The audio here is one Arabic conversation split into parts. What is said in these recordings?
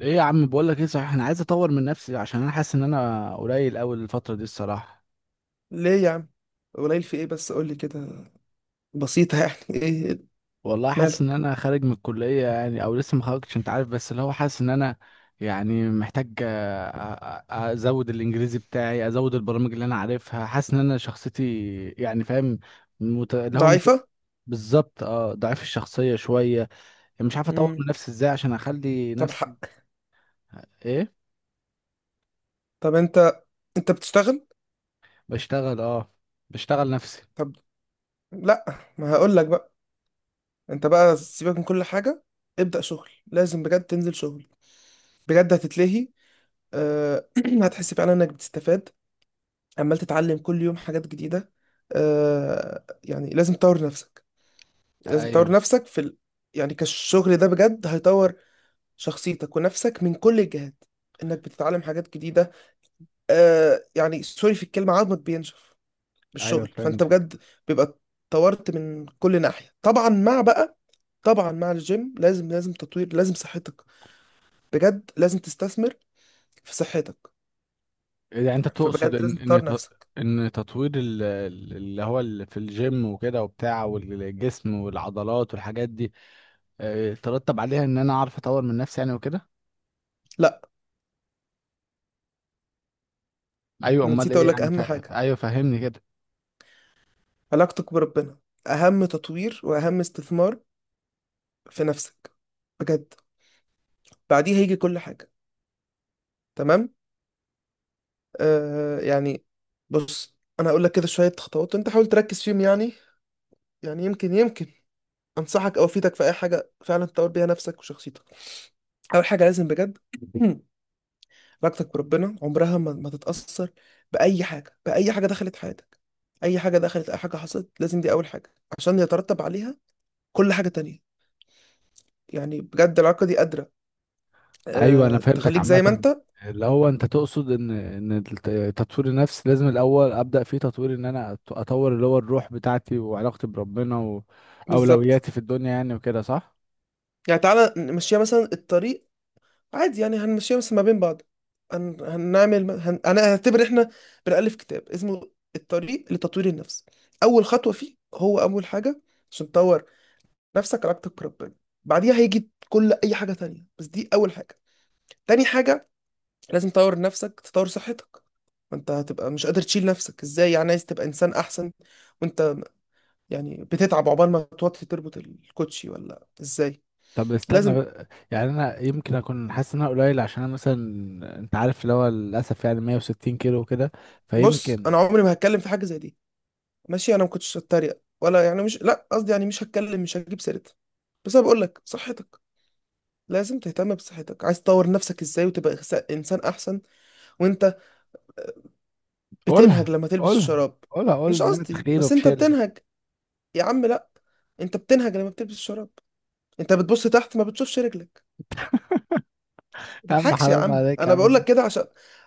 ايه يا عم بقول لك ايه صحيح، انا عايز اطور من نفسي عشان انا حاسس ان انا قليل قوي الفتره دي الصراحه. ليه يا عم؟ قليل في ايه بس قول لي كده. بسيطة يعني ايه؟ والله حاسس ان مالك؟ انا خارج من الكليه يعني، او لسه ما خرجتش انت عارف، بس اللي هو حاسس ان انا يعني محتاج ازود الانجليزي بتاعي، ازود البرامج اللي انا عارفها، حاسس ان انا شخصيتي يعني فاهم. مت... اللي هو مت... ضعيفة. بالظبط اه، ضعيف الشخصيه شويه. يعني مش عارف اطور امم من نفسي ازاي عشان اخلي طب حق. نفسي ايه. طب انت بتشتغل؟ بشتغل اه، بشتغل نفسي. طب لا، ما هقول لك بقى. انت بقى سيبك من كل حاجة، ابدأ شغل. لازم بجد تنزل شغل بجد، هتتلهي. أه... هتحس فعلا انك بتستفاد، عمال تتعلم كل يوم حاجات جديدة. يعني لازم تطور نفسك، لازم ايوه، تطور نفسك في يعني كالشغل ده بجد هيطور شخصيتك ونفسك من كل الجهات، انك بتتعلم حاجات جديدة. آه يعني سوري في الكلمة، عظمك بينشف ايوه بالشغل، فانت فهمت بجد بيبقى طورت من كل ناحية. طبعا مع بقى، طبعا مع الجيم لازم تطوير، لازم صحتك بجد، لازم تستثمر في صحتك. يعني. انت تقصد فبجد لازم ان تطور ان ت- نفسك. ان تطوير في الجيم وكده وبتاع، والجسم والعضلات والحاجات دي، ترتب عليها ان انا اعرف اطور من نفسي يعني وكده. لا، ايوه أنا امال نسيت ايه اقول لك يعني اهم حاجة: ايوه فهمني كده. علاقتك بربنا، اهم تطوير واهم استثمار في نفسك بجد، بعديها هيجي كل حاجة. تمام. آه يعني بص، انا هقول لك كده شوية خطوات انت حاول تركز فيهم يعني. يعني يمكن انصحك او افيدك في اي حاجه فعلا تطور بيها نفسك وشخصيتك. اول حاجه لازم بجد علاقتك بربنا عمرها ما تتاثر باي حاجه، باي حاجه دخلت حياتك. اي حاجه دخلت، اي حاجه حصلت، لازم دي اول حاجه عشان يترتب عليها كل حاجه تانية. يعني بجد العلاقه دي قادره ايوه انا أه فهمتك تخليك زي ما عامه. انت. اللي هو انت تقصد ان ان تطوير النفس لازم الاول ابدا فيه تطوير. ان انا اطور اللي هو الروح بتاعتي وعلاقتي بربنا بالظبط. واولوياتي في الدنيا يعني وكده، صح؟ يعني تعالى نمشيها مثلا الطريق عادي، يعني هنمشيها بس ما بين بعض. هنعمل انا هعتبر احنا بنألف كتاب اسمه الطريق لتطوير النفس. اول خطوة فيه هو اول حاجة عشان تطور نفسك علاقتك بربنا، بعديها هيجي كل اي حاجة تانية، بس دي اول حاجة. تاني حاجة لازم تطور نفسك، تطور صحتك. ما انت هتبقى مش قادر تشيل نفسك ازاي، يعني عايز تبقى انسان احسن وانت يعني بتتعب عقبال ما توطي تربط الكوتشي ولا ازاي؟ طب استنى لازم. بقى. يعني انا يمكن اكون حاسس ان انا قليل عشان انا مثلا انت عارف اللي هو للاسف يعني 160 كيلو وكده، بص، فيمكن. انا عمري ما هتكلم في حاجة زي دي، ماشي. انا ما كنتش هتريق ولا، يعني مش، لا قصدي يعني مش هتكلم، مش هجيب سيرتها. بس انا بقول لك صحتك، لازم تهتم بصحتك. عايز تطور نفسك ازاي وتبقى انسان احسن وانت بتنهج قولها، لما تلبس قولها، الشراب؟ قولها، قول مش ان انا قصدي، تخين بس انت وفشل. بتنهج. يا عم لا، انت بتنهج لما بتلبس الشراب، انت بتبص تحت ما بتشوفش رجلك. ما يا عم تضحكش يا حرام عم، عليك يا انا بقول عم. لك كده عشان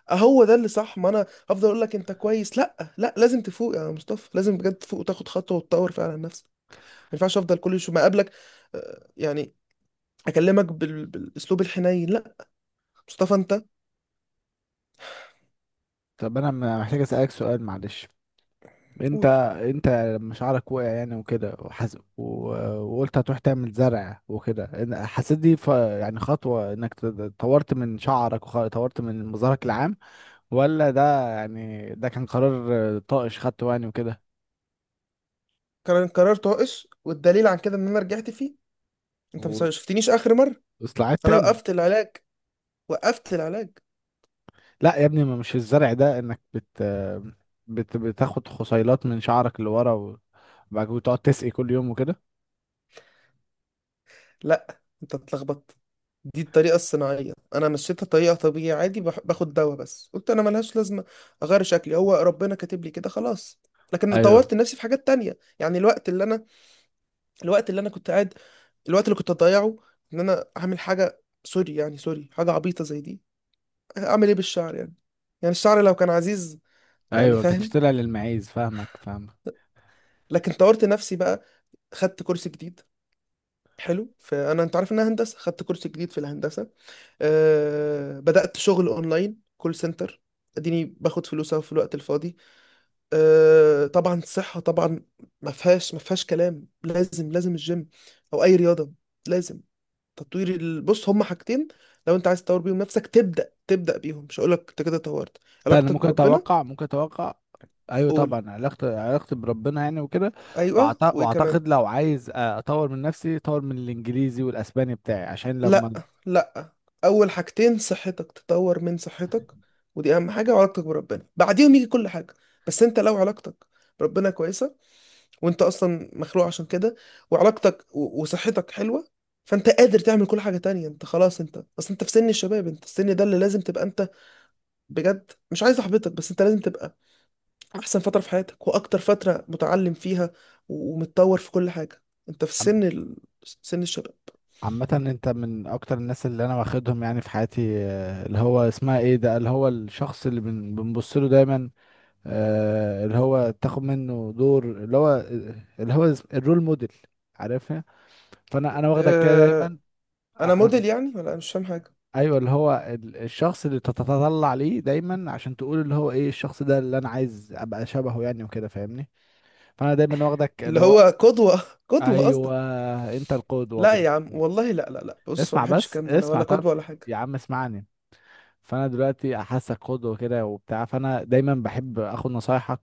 هو ده اللي صح. ما انا هفضل اقول لك انت كويس. لا لا، لازم تفوق يا مصطفى، لازم بجد تفوق وتاخد خطوه وتطور فعلا نفسك. ما ينفعش افضل كل شويه ما اقابلك، يعني اكلمك بالاسلوب الحنين، لا. مصطفى انت، طب انا محتاج اسالك سؤال معلش. انت قول. انت لما شعرك وقع يعني وكده وقلت هتروح تعمل زرع وكده حسيت دي يعني خطوة انك طورت من شعرك وطورت من مظهرك العام، ولا ده يعني ده كان قرار طائش خدته يعني وكده قرار طائش، والدليل عن كده ان انا رجعت فيه. انت ما شفتنيش اخر مره، واصلاحات انا تاني؟ وقفت العلاج، وقفت العلاج. لا يا ابني، ما مش الزرع ده انك بت بتاخد خصيلات من شعرك اللي ورا وبعد كده تقعد تسقي كل يوم وكده. لا انت اتلخبطت، دي الطريقه الصناعيه. انا مشيتها طريقه طبيعيه عادي، باخد دواء بس قلت انا ملهاش لازمه. اغير شكلي، هو ربنا كاتب لي كده خلاص. لكن ايوه، طورت نفسي في حاجات تانية يعني. الوقت اللي انا، الوقت اللي انا كنت قاعد، الوقت اللي كنت اضيعه ان انا اعمل حاجه، سوري يعني، سوري حاجه عبيطه زي دي. اعمل ايه بالشعر يعني؟ يعني الشعر لو كان عزيز، يعني ايوه كانت فاهم. طلع للمعيز، فاهمك فاهمك. لكن طورت نفسي بقى، خدت كورس جديد حلو. فانا انت عارف انها هندسه، خدت كورس جديد في الهندسه. أه بدات شغل اونلاين كول سنتر، اديني باخد فلوس أهو في الوقت الفاضي. أه طبعا الصحه طبعا، ما فيهاش كلام، لازم، لازم الجيم او اي رياضه، لازم. تطوير بص، هما حاجتين لو انت عايز تطور بيهم نفسك تبدا بيهم، مش هقولك انت كده طورت. استنى، علاقتك ممكن وربنا، اتوقع، ممكن اتوقع. ايوه قول. طبعا، علاقتي علاقتي بربنا يعني وكده. ايوه وايه كمان؟ واعتقد لو عايز اطور من نفسي، اطور من الانجليزي والاسباني بتاعي عشان لما. لا لا، اول حاجتين صحتك، تطور من صحتك ودي اهم حاجه، وعلاقتك بربنا، بعديهم يجي كل حاجه. بس انت لو علاقتك بربنا كويسه، وانت اصلا مخلوق عشان كده، وعلاقتك وصحتك حلوه، فانت قادر تعمل كل حاجه تانية. انت خلاص، انت بس انت في سن الشباب، انت السن ده اللي لازم تبقى انت بجد. مش عايز احبطك، بس انت لازم تبقى احسن فتره في حياتك واكتر فتره متعلم فيها، ومتطور في كل حاجه. انت في سن سن الشباب. عامة انت من اكتر الناس اللي انا واخدهم يعني في حياتي، اللي هو اسمها ايه ده، اللي هو الشخص اللي بنبص له دايما، اللي هو تاخد منه دور، اللي هو اللي هو الرول موديل. عارفها؟ فانا، واخدك كده أه... دايما. آه، انا آه، موديل يعني، ولا أنا مش فاهم حاجه؟ ايوه، اللي هو الشخص اللي تتطلع ليه دايما عشان تقول اللي هو ايه الشخص ده اللي انا عايز ابقى شبهه يعني وكده، فاهمني؟ فانا دايما واخدك اللي اللي هو هو. قدوة، قدوة ايوه، قصدك؟ انت القدوة لا يا عم والله، لا لا لا، بص ما اسمع بحبش بس، الكلام ده، انا اسمع ولا طب. قدوة ولا حاجة. يا عم اسمعني. فانا دلوقتي حاسك قدوه كده وبتاع، فانا دايما بحب اخد نصايحك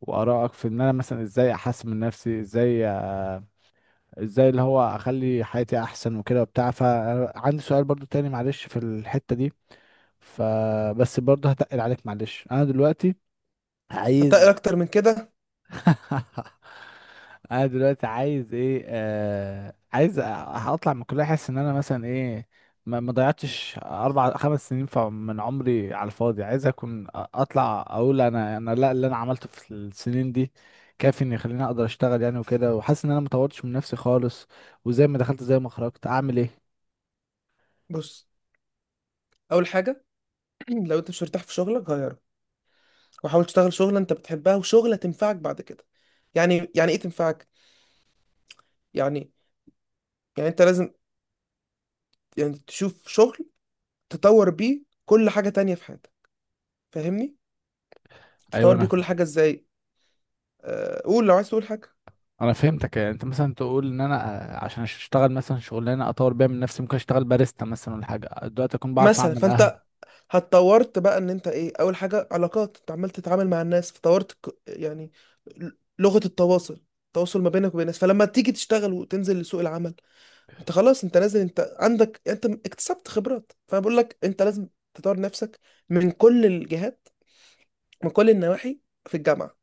وارائك في ان انا مثلا ازاي احسن من نفسي، ازاي ازاي اللي هو اخلي حياتي احسن وكده وبتاع. فعندي سؤال برضو تاني معلش في الحته دي، فبس برضو هتقل عليك معلش. انا دلوقتي هتقل عايز. اكتر من كده. انا دلوقتي عايز ايه؟ آه عايز اطلع من الكليه، احس ان انا مثلا ايه، ما ضيعتش 4 5 سنين من عمري على الفاضي. عايز اكون اطلع اقول انا، لا، اللي انا عملته في السنين دي كافي ان يخليني اقدر اشتغل يعني وكده. وحاسس ان انا ما طورتش من نفسي خالص، وزي ما دخلت زي ما خرجت. اعمل ايه؟ بص، اول حاجة لو انت مش مرتاح في شغلك غيره، وحاول تشتغل شغلة انت بتحبها وشغلة تنفعك بعد كده. يعني يعني ايه تنفعك؟ يعني، يعني انت لازم يعني تشوف شغل تطور بيه كل حاجة تانية في حياتك، فاهمني؟ ايوه تطور بيه كل حاجة ازاي؟ أه قول، لو عايز تقول حاجة. انا فهمتك. يعني انت مثلا تقول ان انا عشان اشتغل مثلا شغلانه اطور بيها من نفسي، ممكن اشتغل باريستا مثلا ولا حاجه دلوقتي اكون بعرف مثلا اعمل فانت قهوه. هتطورت بقى ان انت ايه، اول حاجه علاقات، انت عمال تتعامل مع الناس فطورت يعني ل- لغه التواصل، التواصل ما بينك وبين الناس. فلما تيجي تشتغل وتنزل لسوق العمل، انت خلاص انت نازل، انت عندك، انت اكتسبت خبرات. فانا بقول لك انت لازم تطور نفسك من كل الجهات، من كل النواحي، في الجامعه،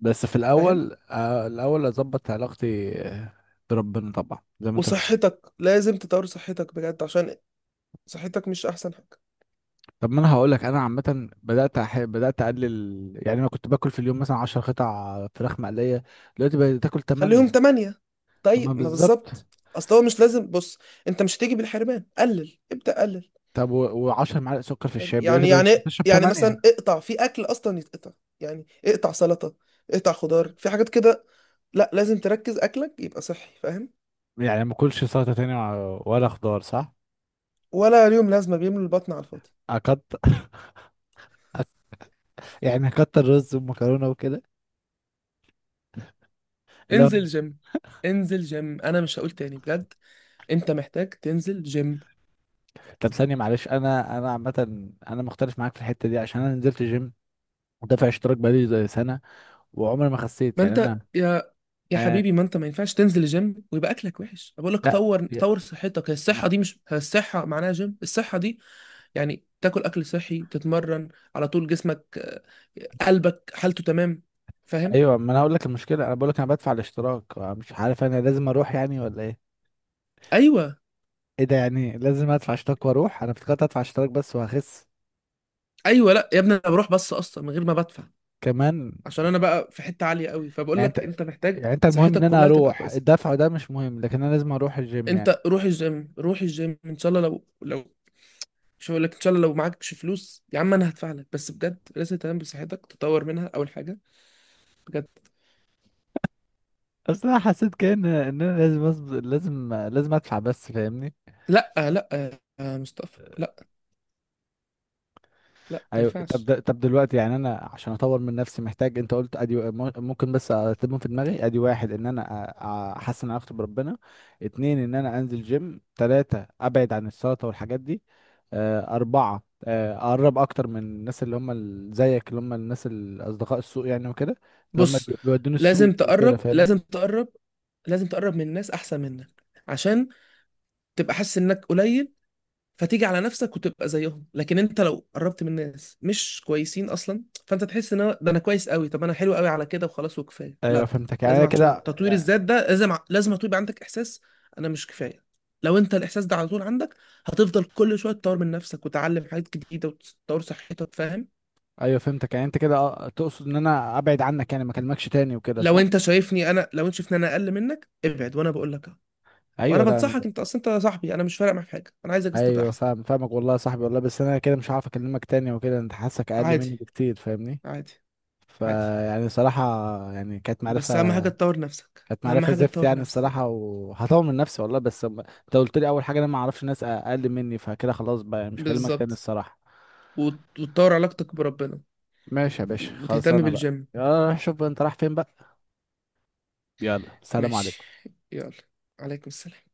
بس في فاهم؟ الاول الاول اظبط علاقتي بربنا طبعا زي ما انت بتقول. وصحتك، لازم تطور صحتك بجد عشان صحتك مش احسن حاجه. طب ما انا هقول لك انا عامه، بدات اقلل. يعني انا كنت باكل في اليوم مثلا 10 قطع فراخ مقليه، دلوقتي بقيت تاكل خليهم 8. تمانية، طيب تمام ما بالظبط. بالظبط. اصل هو مش لازم، بص انت مش هتيجي بالحرمان، قلل، ابدأ قلل. طب و10 معالق سكر في فاهم؟ الشاي دلوقتي يعني بقيت يعني، بشرب يعني 8. مثلا اقطع في اكل اصلا يتقطع. يعني اقطع سلطة، اقطع خضار في حاجات كده. لا، لازم تركز اكلك يبقى صحي، فاهم؟ يعني ما اكلش سلطه تاني، ولا خضار، صح؟ ولا اليوم لازمة، بيملوا البطن على الفاضي. اكتر. يعني اكتر رز ومكرونه وكده. لا. انزل جيم، انزل جيم، انا مش هقول تاني بجد، انت محتاج تنزل جيم. طب ثانيه معلش، انا، عامه انا مختلف معاك في الحته دي عشان انا نزلت جيم ودافع اشتراك بقالي زي سنة، وعمري ما خسيت ما يعني انا. انت يا آه، حبيبي، ما انت ما ينفعش تنزل الجيم ويبقى اكلك وحش. بقول لك لا. طور، يا- طور صحتك هي، الصحة ما- دي مش هي الصحة معناها جيم. الصحة دي يعني تاكل اكل صحي، تتمرن، على طول جسمك، آه، قلبك حالته تمام، فاهم؟ ايوه ما انا هقول لك المشكله، انا بقول لك انا بدفع الاشتراك مش عارف انا لازم اروح يعني ولا ايه. ايوه. ايه ده يعني؟ لازم ادفع اشتراك واروح؟ انا افتكرت ادفع اشتراك بس وهخس ايوه لا يا ابني، انا بروح بس اصلا من غير ما بدفع، كمان. عشان انا بقى في حته عاليه قوي. فبقول يعني لك انت، انت محتاج يعني انت المهم ان صحتك انا كلها تبقى اروح، كويسه. الدفع ده مش مهم، لكن انا لازم اروح الجيم يعني. انت روح الجيم، روح الجيم ان شاء الله. لو لو، مش هقول لك ان شاء الله، لو معكش فلوس يا عم انا هدفع لك، بس بجد لازم تهتم بصحتك، تطور منها اول حاجه بجد. اصل انا حسيت كأن ان انا لازم لازم ادفع بس، فاهمني؟ لا لا يا مصطفى، لا لا ما ايوه طب ينفعش. طب دلوقتي يعني انا عشان اطور من نفسي محتاج، انت قلت ادي ممكن بس ارتبهم في دماغي؟ ادي واحد، ان انا احسن علاقتي بربنا. اتنين، ان انا انزل جيم. تلاتة، ابعد عن السلطة والحاجات دي. اربعة اقرب اكتر من الناس اللي هم زيك، اللي هم الناس الاصدقاء السوق يعني وكده، اللي هم بص بيودوني لازم السوق وكده، تقرب، فاهمني؟ لازم تقرب، لازم تقرب من ناس احسن منك، عشان تبقى حاسس انك قليل فتيجي على نفسك وتبقى زيهم. لكن انت لو قربت من ناس مش كويسين اصلا، فانت تحس ان ده انا كويس قوي، طب انا حلو قوي على كده وخلاص وكفايه. ايوه لا فهمتك يعني لازم، أنا كده عشان تطوير يعني. الذات ده لازم، لازم يبقى عندك احساس انا مش كفايه. لو انت الاحساس ده على طول عندك، هتفضل كل شويه تطور من نفسك وتتعلم حاجات جديده وتطور صحتك، فاهم؟ ايوه فهمتك. يعني انت كده تقصد ان انا ابعد عنك يعني، ما اكلمكش تاني وكده، لو صح؟ انت شايفني انا، لو انت شايفني انا اقل منك ابعد، وانا بقول لك وانا ايوه، لا. بنصحك انت اصلا، انت صاحبي، انا مش فارق معاك في حاجه، انا عايزك بس تبقى ايوه احسن. فاهم، فاهمك والله يا صاحبي، والله. بس انا كده مش هعرف اكلمك تاني وكده، انت حاسك اقل عادي، مني بكتير فاهمني. عادي، عادي، فيعني صراحه يعني، كانت معرفه، بس اهم حاجه تطور نفسك، كانت اهم معرفه حاجه زفت تطور يعني الصراحه. نفسك. وهطور من نفسي والله، بس انت قلت لي اول حاجه انا ما اعرفش ناس اقل مني، فكده خلاص بقى يعني مش هكلمك تاني بالظبط، الصراحه. وتطور علاقتك بربنا ماشي يا باشا، خلاص وتهتم انا بقى. بالجيم. يلا روح شوف بقى انت رايح فين بقى. يلا، سلام ماشي، عليكم. يلا، عليكم السلام.